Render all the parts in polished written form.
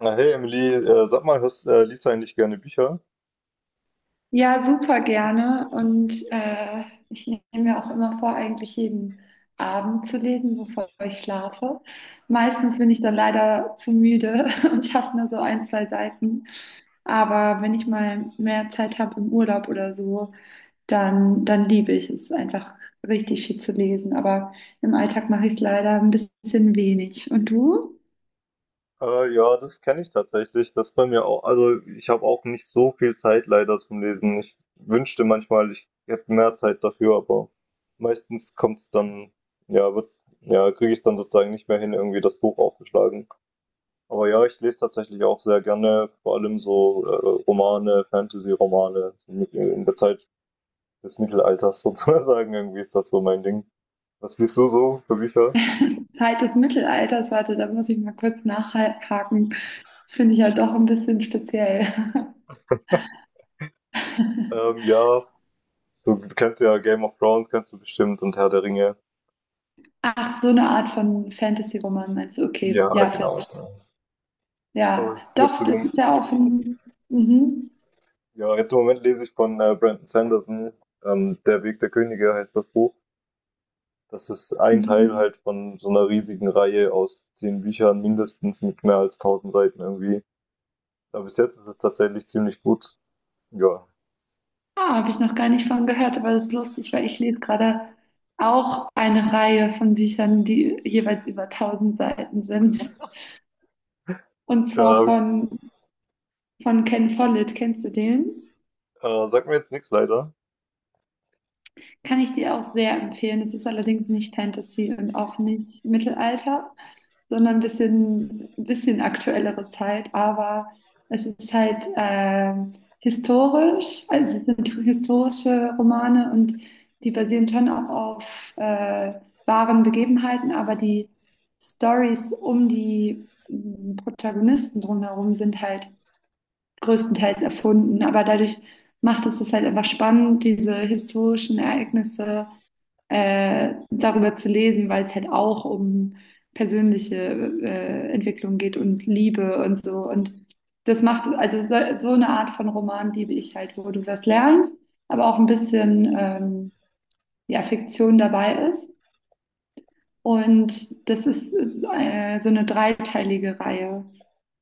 Na hey Emily, sag mal, liest du eigentlich gerne Bücher? Ja, super gerne. Ich nehme mir auch immer vor, eigentlich jeden Abend zu lesen, bevor ich schlafe. Meistens bin ich dann leider zu müde und schaffe nur so ein, zwei Seiten. Aber wenn ich mal mehr Zeit habe im Urlaub oder so, dann liebe ich es einfach richtig viel zu lesen. Aber im Alltag mache ich es leider ein bisschen wenig. Und du? Ja, Das kenne ich tatsächlich. Das bei mir auch. Also ich habe auch nicht so viel Zeit leider zum Lesen. Ich wünschte manchmal, ich hätte mehr Zeit dafür, aber meistens kommt's dann, ja, wird's, ja, kriege ich es dann sozusagen nicht mehr hin, irgendwie das Buch aufzuschlagen. Aber ja, ich lese tatsächlich auch sehr gerne, vor allem so Romane, Fantasy-Romane in der Zeit des Mittelalters sozusagen. Irgendwie ist das so mein Ding. Was liest du so für Bücher? Zeit des Mittelalters, warte, da muss ich mal kurz nachhaken. Das finde ich ja doch ein bisschen speziell. Ähm, ja, So, du kennst ja Game of Thrones, kennst du bestimmt, und Herr der Ringe. Ach, so eine Art von Fantasy-Roman meinst du? Okay, Ja, ja, genau. verstehe. Ja, Also jetzt doch, im, das Mom- ist ja auch ein. Mhm, ja, jetzt im Moment lese ich von Brandon Sanderson, Der Weg der Könige heißt das Buch. Das ist ein Teil mhm. halt von so einer riesigen Reihe aus 10 Büchern mindestens mit mehr als tausend Seiten irgendwie. Aber bis jetzt ist es tatsächlich ziemlich gut. Ja, Ah, habe ich noch gar nicht von gehört, aber das ist lustig, weil ich lese gerade auch eine Reihe von Büchern, die jeweils über 1000 Seiten sind. Und äh, zwar hab ich, von, von Ken Follett. Kennst du den? Sagt mir jetzt nichts leider. Kann ich dir auch sehr empfehlen. Es ist allerdings nicht Fantasy und auch nicht Mittelalter, sondern ein bisschen aktuellere Zeit. Aber es ist halt historisch, also es sind historische Romane und die basieren schon auch auf wahren Begebenheiten, aber die Stories um Protagonisten drumherum sind halt größtenteils erfunden. Aber dadurch macht es das halt einfach spannend, diese historischen Ereignisse darüber zu lesen, weil es halt auch um persönliche Entwicklung geht und Liebe und so. Und das macht, also so, so eine Art von Roman liebe ich halt, wo du was lernst, aber auch ein bisschen ja, Fiktion dabei ist. Und das ist so eine dreiteilige Reihe.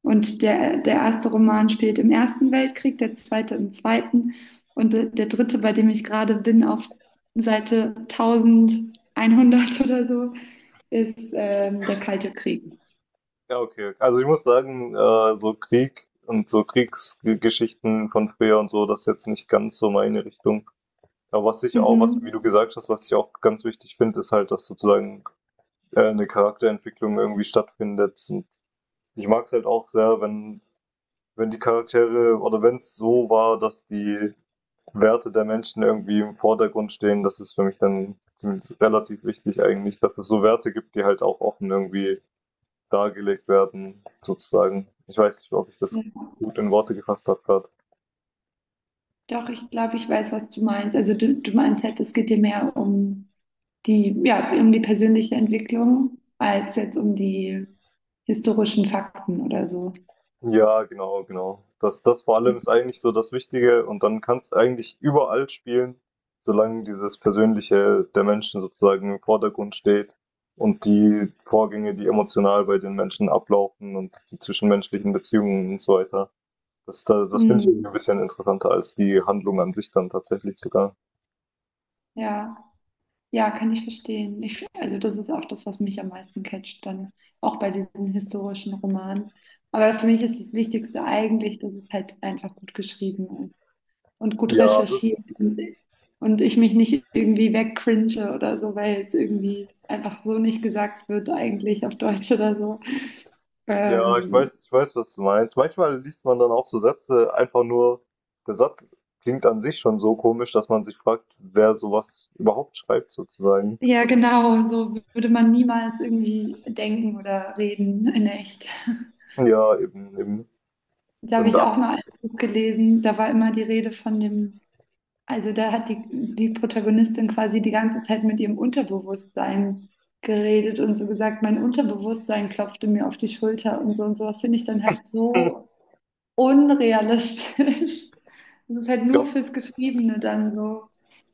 Und der erste Roman spielt im Ersten Weltkrieg, der zweite im Zweiten und der dritte, bei dem ich gerade bin, auf Seite 1100 oder so, ist der Kalte Krieg. Ja, okay. Also ich muss sagen, so Krieg und so Kriegsgeschichten von früher und so, das ist jetzt nicht ganz so meine Richtung. Aber was ich auch, was, wie du Mhm. gesagt hast, was ich auch ganz wichtig finde, ist halt, dass sozusagen eine Charakterentwicklung irgendwie stattfindet. Und ich mag es halt auch sehr, wenn die Charaktere oder wenn es so war, dass die Werte der Menschen irgendwie im Vordergrund stehen, das ist für mich dann relativ wichtig eigentlich, dass es so Werte gibt, die halt auch offen irgendwie dargelegt werden, sozusagen. Ich weiß nicht, ob ich das Ja. gut in Worte gefasst habe gerade. Doch, ich glaube, ich weiß, was du meinst. Also du meinst halt, es geht dir mehr um die, ja, um die persönliche Entwicklung als jetzt um die historischen Fakten oder so. Ja, genau, genau. Das vor allem ist eigentlich so das Wichtige und dann kannst du eigentlich überall spielen, solange dieses Persönliche der Menschen sozusagen im Vordergrund steht und die Vorgänge, die emotional bei den Menschen ablaufen und die zwischenmenschlichen Beziehungen und so weiter. Das finde ich irgendwie Mhm. ein bisschen interessanter als die Handlung an sich dann tatsächlich sogar. Ja, ja, kann ich verstehen. Ich, also das ist auch das, was mich am meisten catcht, dann auch bei diesen historischen Romanen. Aber für mich ist das Wichtigste eigentlich, dass es halt einfach gut geschrieben ist und gut Ja, recherchiert und ich mich nicht irgendwie wegcringe oder so, weil es irgendwie einfach so nicht gesagt wird, eigentlich auf Deutsch oder so. Ähm, ich weiß, was du meinst. Manchmal liest man dann auch so Sätze einfach nur der Satz klingt an sich schon so komisch, dass man sich fragt, wer sowas überhaupt schreibt sozusagen. ja, genau, so würde man niemals irgendwie denken oder reden in echt. Ja, eben, eben. Da habe Und ich da auch mal ein Buch gelesen, da war immer die Rede von dem, also da hat die Protagonistin quasi die ganze Zeit mit ihrem Unterbewusstsein geredet und so gesagt, mein Unterbewusstsein klopfte mir auf die Schulter und so und so. Sowas finde ich dann halt so unrealistisch. Das ist halt ich nur glaube fürs Geschriebene dann so,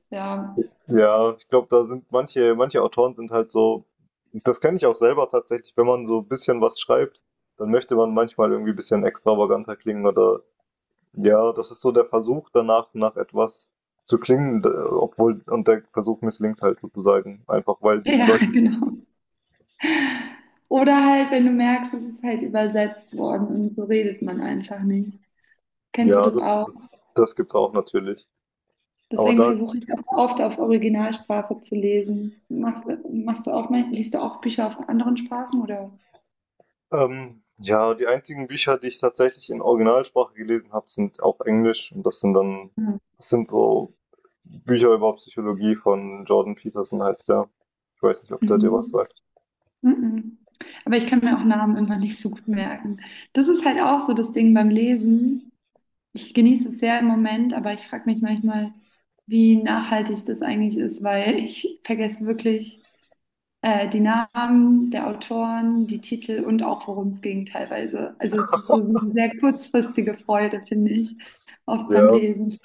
ja. ja, Ich glaube, da sind manche Autoren sind halt so, das kenne ich auch selber tatsächlich, wenn man so 'n bisschen was schreibt, dann möchte man manchmal irgendwie ein bisschen extravaganter klingen oder. Ja, das ist so der Versuch danach, nach etwas zu klingen, und der Versuch misslingt halt sozusagen. Einfach weil die Ja, Leute, die es- genau. Oder halt, wenn du merkst, es ist halt übersetzt worden und so redet man einfach nicht. Kennst du ja, das das, auch? das gibt's auch natürlich. Aber Deswegen da, versuche ich auch oft auf Originalsprache zu lesen. Machst du auch, liest du auch Bücher auf anderen Sprachen oder? ähm, ja, die einzigen Bücher, die ich tatsächlich in Originalsprache gelesen habe, sind auch Englisch. Und Mhm. das sind so Bücher über Psychologie von Jordan Peterson heißt der. Ich weiß nicht, ob der dir was Mhm. sagt. Mhm. Aber ich kann mir auch Namen immer nicht so gut merken. Das ist halt auch so das Ding beim Lesen. Ich genieße es sehr im Moment, aber ich frage mich manchmal, wie nachhaltig das eigentlich ist, weil ich vergesse wirklich. Die Namen der Autoren, die Titel und auch worum es ging teilweise. Also es ist so eine sehr kurzfristige Freude, finde ich, oft beim Ja, Lesen.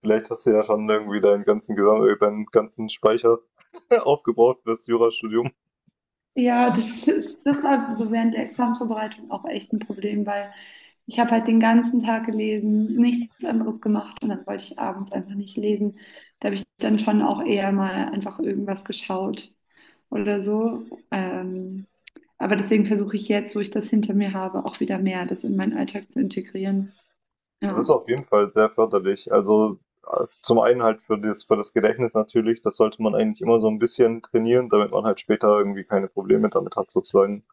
vielleicht hast du ja schon irgendwie deinen ganzen, Gesam deinen ganzen Speicher aufgebraucht fürs Jurastudium. Ja, das war so während der Examsvorbereitung auch echt ein Problem, weil ich habe halt den ganzen Tag gelesen, nichts anderes gemacht und dann wollte ich abends einfach nicht lesen. Da habe ich dann schon auch eher mal einfach irgendwas geschaut oder so. Aber deswegen versuche ich jetzt, wo ich das hinter mir habe, auch wieder mehr das in meinen Alltag zu integrieren. Das Ja. ist auf jeden Fall sehr förderlich. Also zum einen halt für für das Gedächtnis natürlich, das sollte man eigentlich immer so ein bisschen trainieren, damit man halt später irgendwie keine Probleme damit hat sozusagen.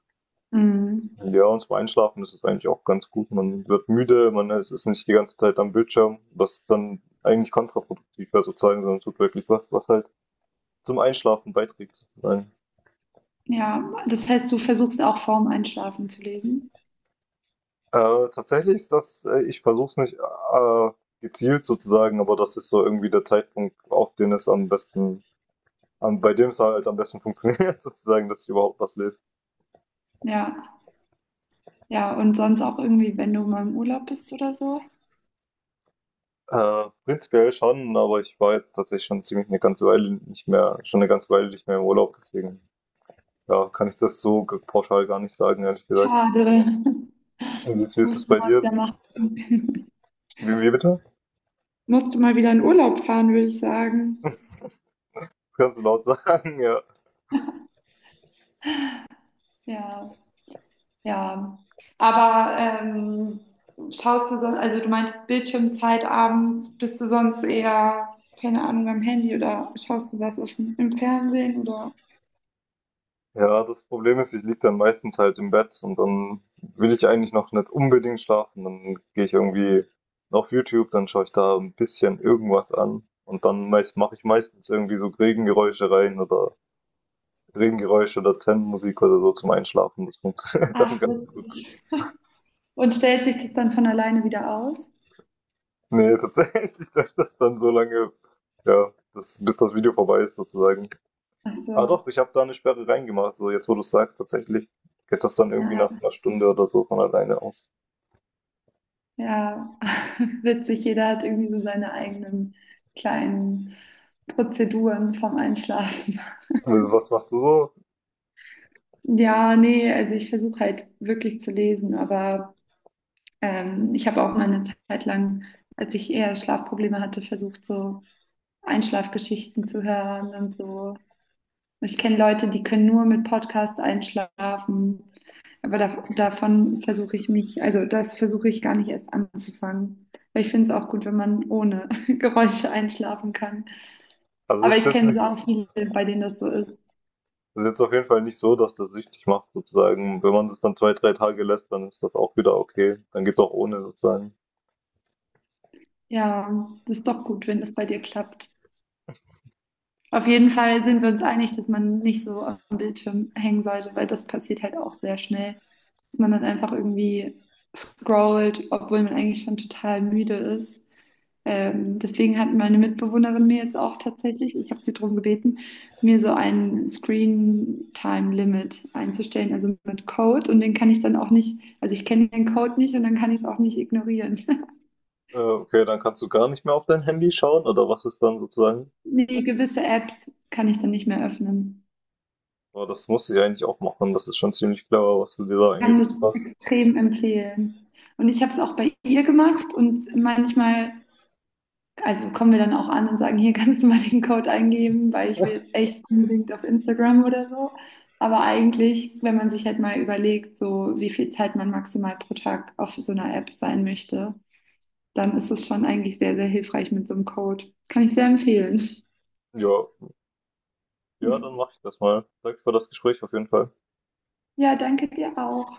Mhm. Ja, und zum Einschlafen ist es eigentlich auch ganz gut. Man wird müde, man ist nicht die ganze Zeit am Bildschirm, was dann eigentlich kontraproduktiv wäre sozusagen, sondern tut wirklich was, was halt zum Einschlafen beiträgt sozusagen. Ja, das heißt, du versuchst auch vorm Einschlafen zu lesen. Tatsächlich ich versuche es nicht äh, gezielt sozusagen, aber das ist so irgendwie der Zeitpunkt, auf den es am besten. Bei dem es halt am besten funktioniert, sozusagen, dass ich überhaupt was lese. Ja, ja, und sonst auch irgendwie, wenn du mal im Urlaub bist oder so. Prinzipiell schon, aber ich war jetzt tatsächlich schon eine ganze Weile nicht mehr im Urlaub, deswegen ja, kann ich das so g- pauschal gar nicht sagen, ehrlich gesagt. Schade. Und wie ist es Musst du bei mal dir? wieder machen. Wie bitte? Musste mal wieder in Urlaub fahren, würde ich sagen. Das kannst du laut sagen, ja. Ja, ja. Aber schaust du sonst, also du meintest Bildschirmzeit abends, bist du sonst eher, keine Ahnung, am Handy oder schaust du was auf dem, im Fernsehen oder? Ja, das Problem ist, ich liege dann meistens halt im Bett und dann will ich eigentlich noch nicht unbedingt schlafen. Dann gehe ich irgendwie auf YouTube, dann schaue ich da ein bisschen irgendwas an und dann mache ich meistens irgendwie so Regengeräusche oder Zen-Musik oder so zum Einschlafen. Das funktioniert dann Ach, ganz gut. witzig. Und stellt sich das dann von alleine wieder aus? Nee, tatsächlich läuft das dann so lange, ja, das, bis das Video vorbei ist sozusagen. Ach Ah so, doch, ich habe da eine Sperre reingemacht. So jetzt, wo du es sagst, tatsächlich geht das dann irgendwie nach ah, einer Stunde oder so von alleine aus. ja, witzig. Jeder hat irgendwie so seine eigenen kleinen Prozeduren vom Einschlafen. Also, was machst du so? Ja, nee, also ich versuche halt wirklich zu lesen, aber ich habe auch mal eine Zeit lang, als ich eher Schlafprobleme hatte, versucht, so Einschlafgeschichten zu hören und so. Ich kenne Leute, die können nur mit Podcasts einschlafen. Aber davon versuche ich mich, also das versuche ich gar nicht erst anzufangen. Weil ich finde es auch gut, wenn man ohne Geräusche einschlafen kann. Also Aber es ist ich jetzt kenne nicht, auch viele, bei denen das so ist. Das ist jetzt auf jeden Fall nicht so, dass das süchtig macht sozusagen. Wenn man das dann zwei, drei Tage lässt, dann ist das auch wieder okay. Dann geht's auch ohne sozusagen. Ja, das ist doch gut, wenn das bei dir klappt. Auf jeden Fall sind wir uns einig, dass man nicht so am Bildschirm hängen sollte, weil das passiert halt auch sehr schnell, dass man dann einfach irgendwie scrollt, obwohl man eigentlich schon total müde ist. Deswegen hat meine Mitbewohnerin mir jetzt auch tatsächlich, ich habe sie darum gebeten, mir so ein Screen-Time-Limit einzustellen, also mit Code. Und den kann ich dann auch nicht, also ich kenne den Code nicht und dann kann ich es auch nicht ignorieren. Okay, dann kannst du gar nicht mehr auf dein Handy schauen oder was ist dann sozusagen? Nee, gewisse Apps kann ich dann nicht mehr öffnen. Aber das musste ich eigentlich auch machen. Das ist schon ziemlich clever, was du dir da Kann es eingerichtet hast. extrem empfehlen. Und ich habe es auch bei ihr gemacht und manchmal, also kommen wir dann auch an und sagen, hier kannst du mal den Code eingeben, weil ich will jetzt echt unbedingt auf Instagram oder so. Aber eigentlich, wenn man sich halt mal überlegt, so wie viel Zeit man maximal pro Tag auf so einer App sein möchte, dann ist es schon eigentlich sehr, sehr hilfreich mit so einem Code. Kann ich sehr empfehlen. Ja, ja, dann mache ich das mal. Danke für das Gespräch auf jeden Fall. Ja, danke dir auch.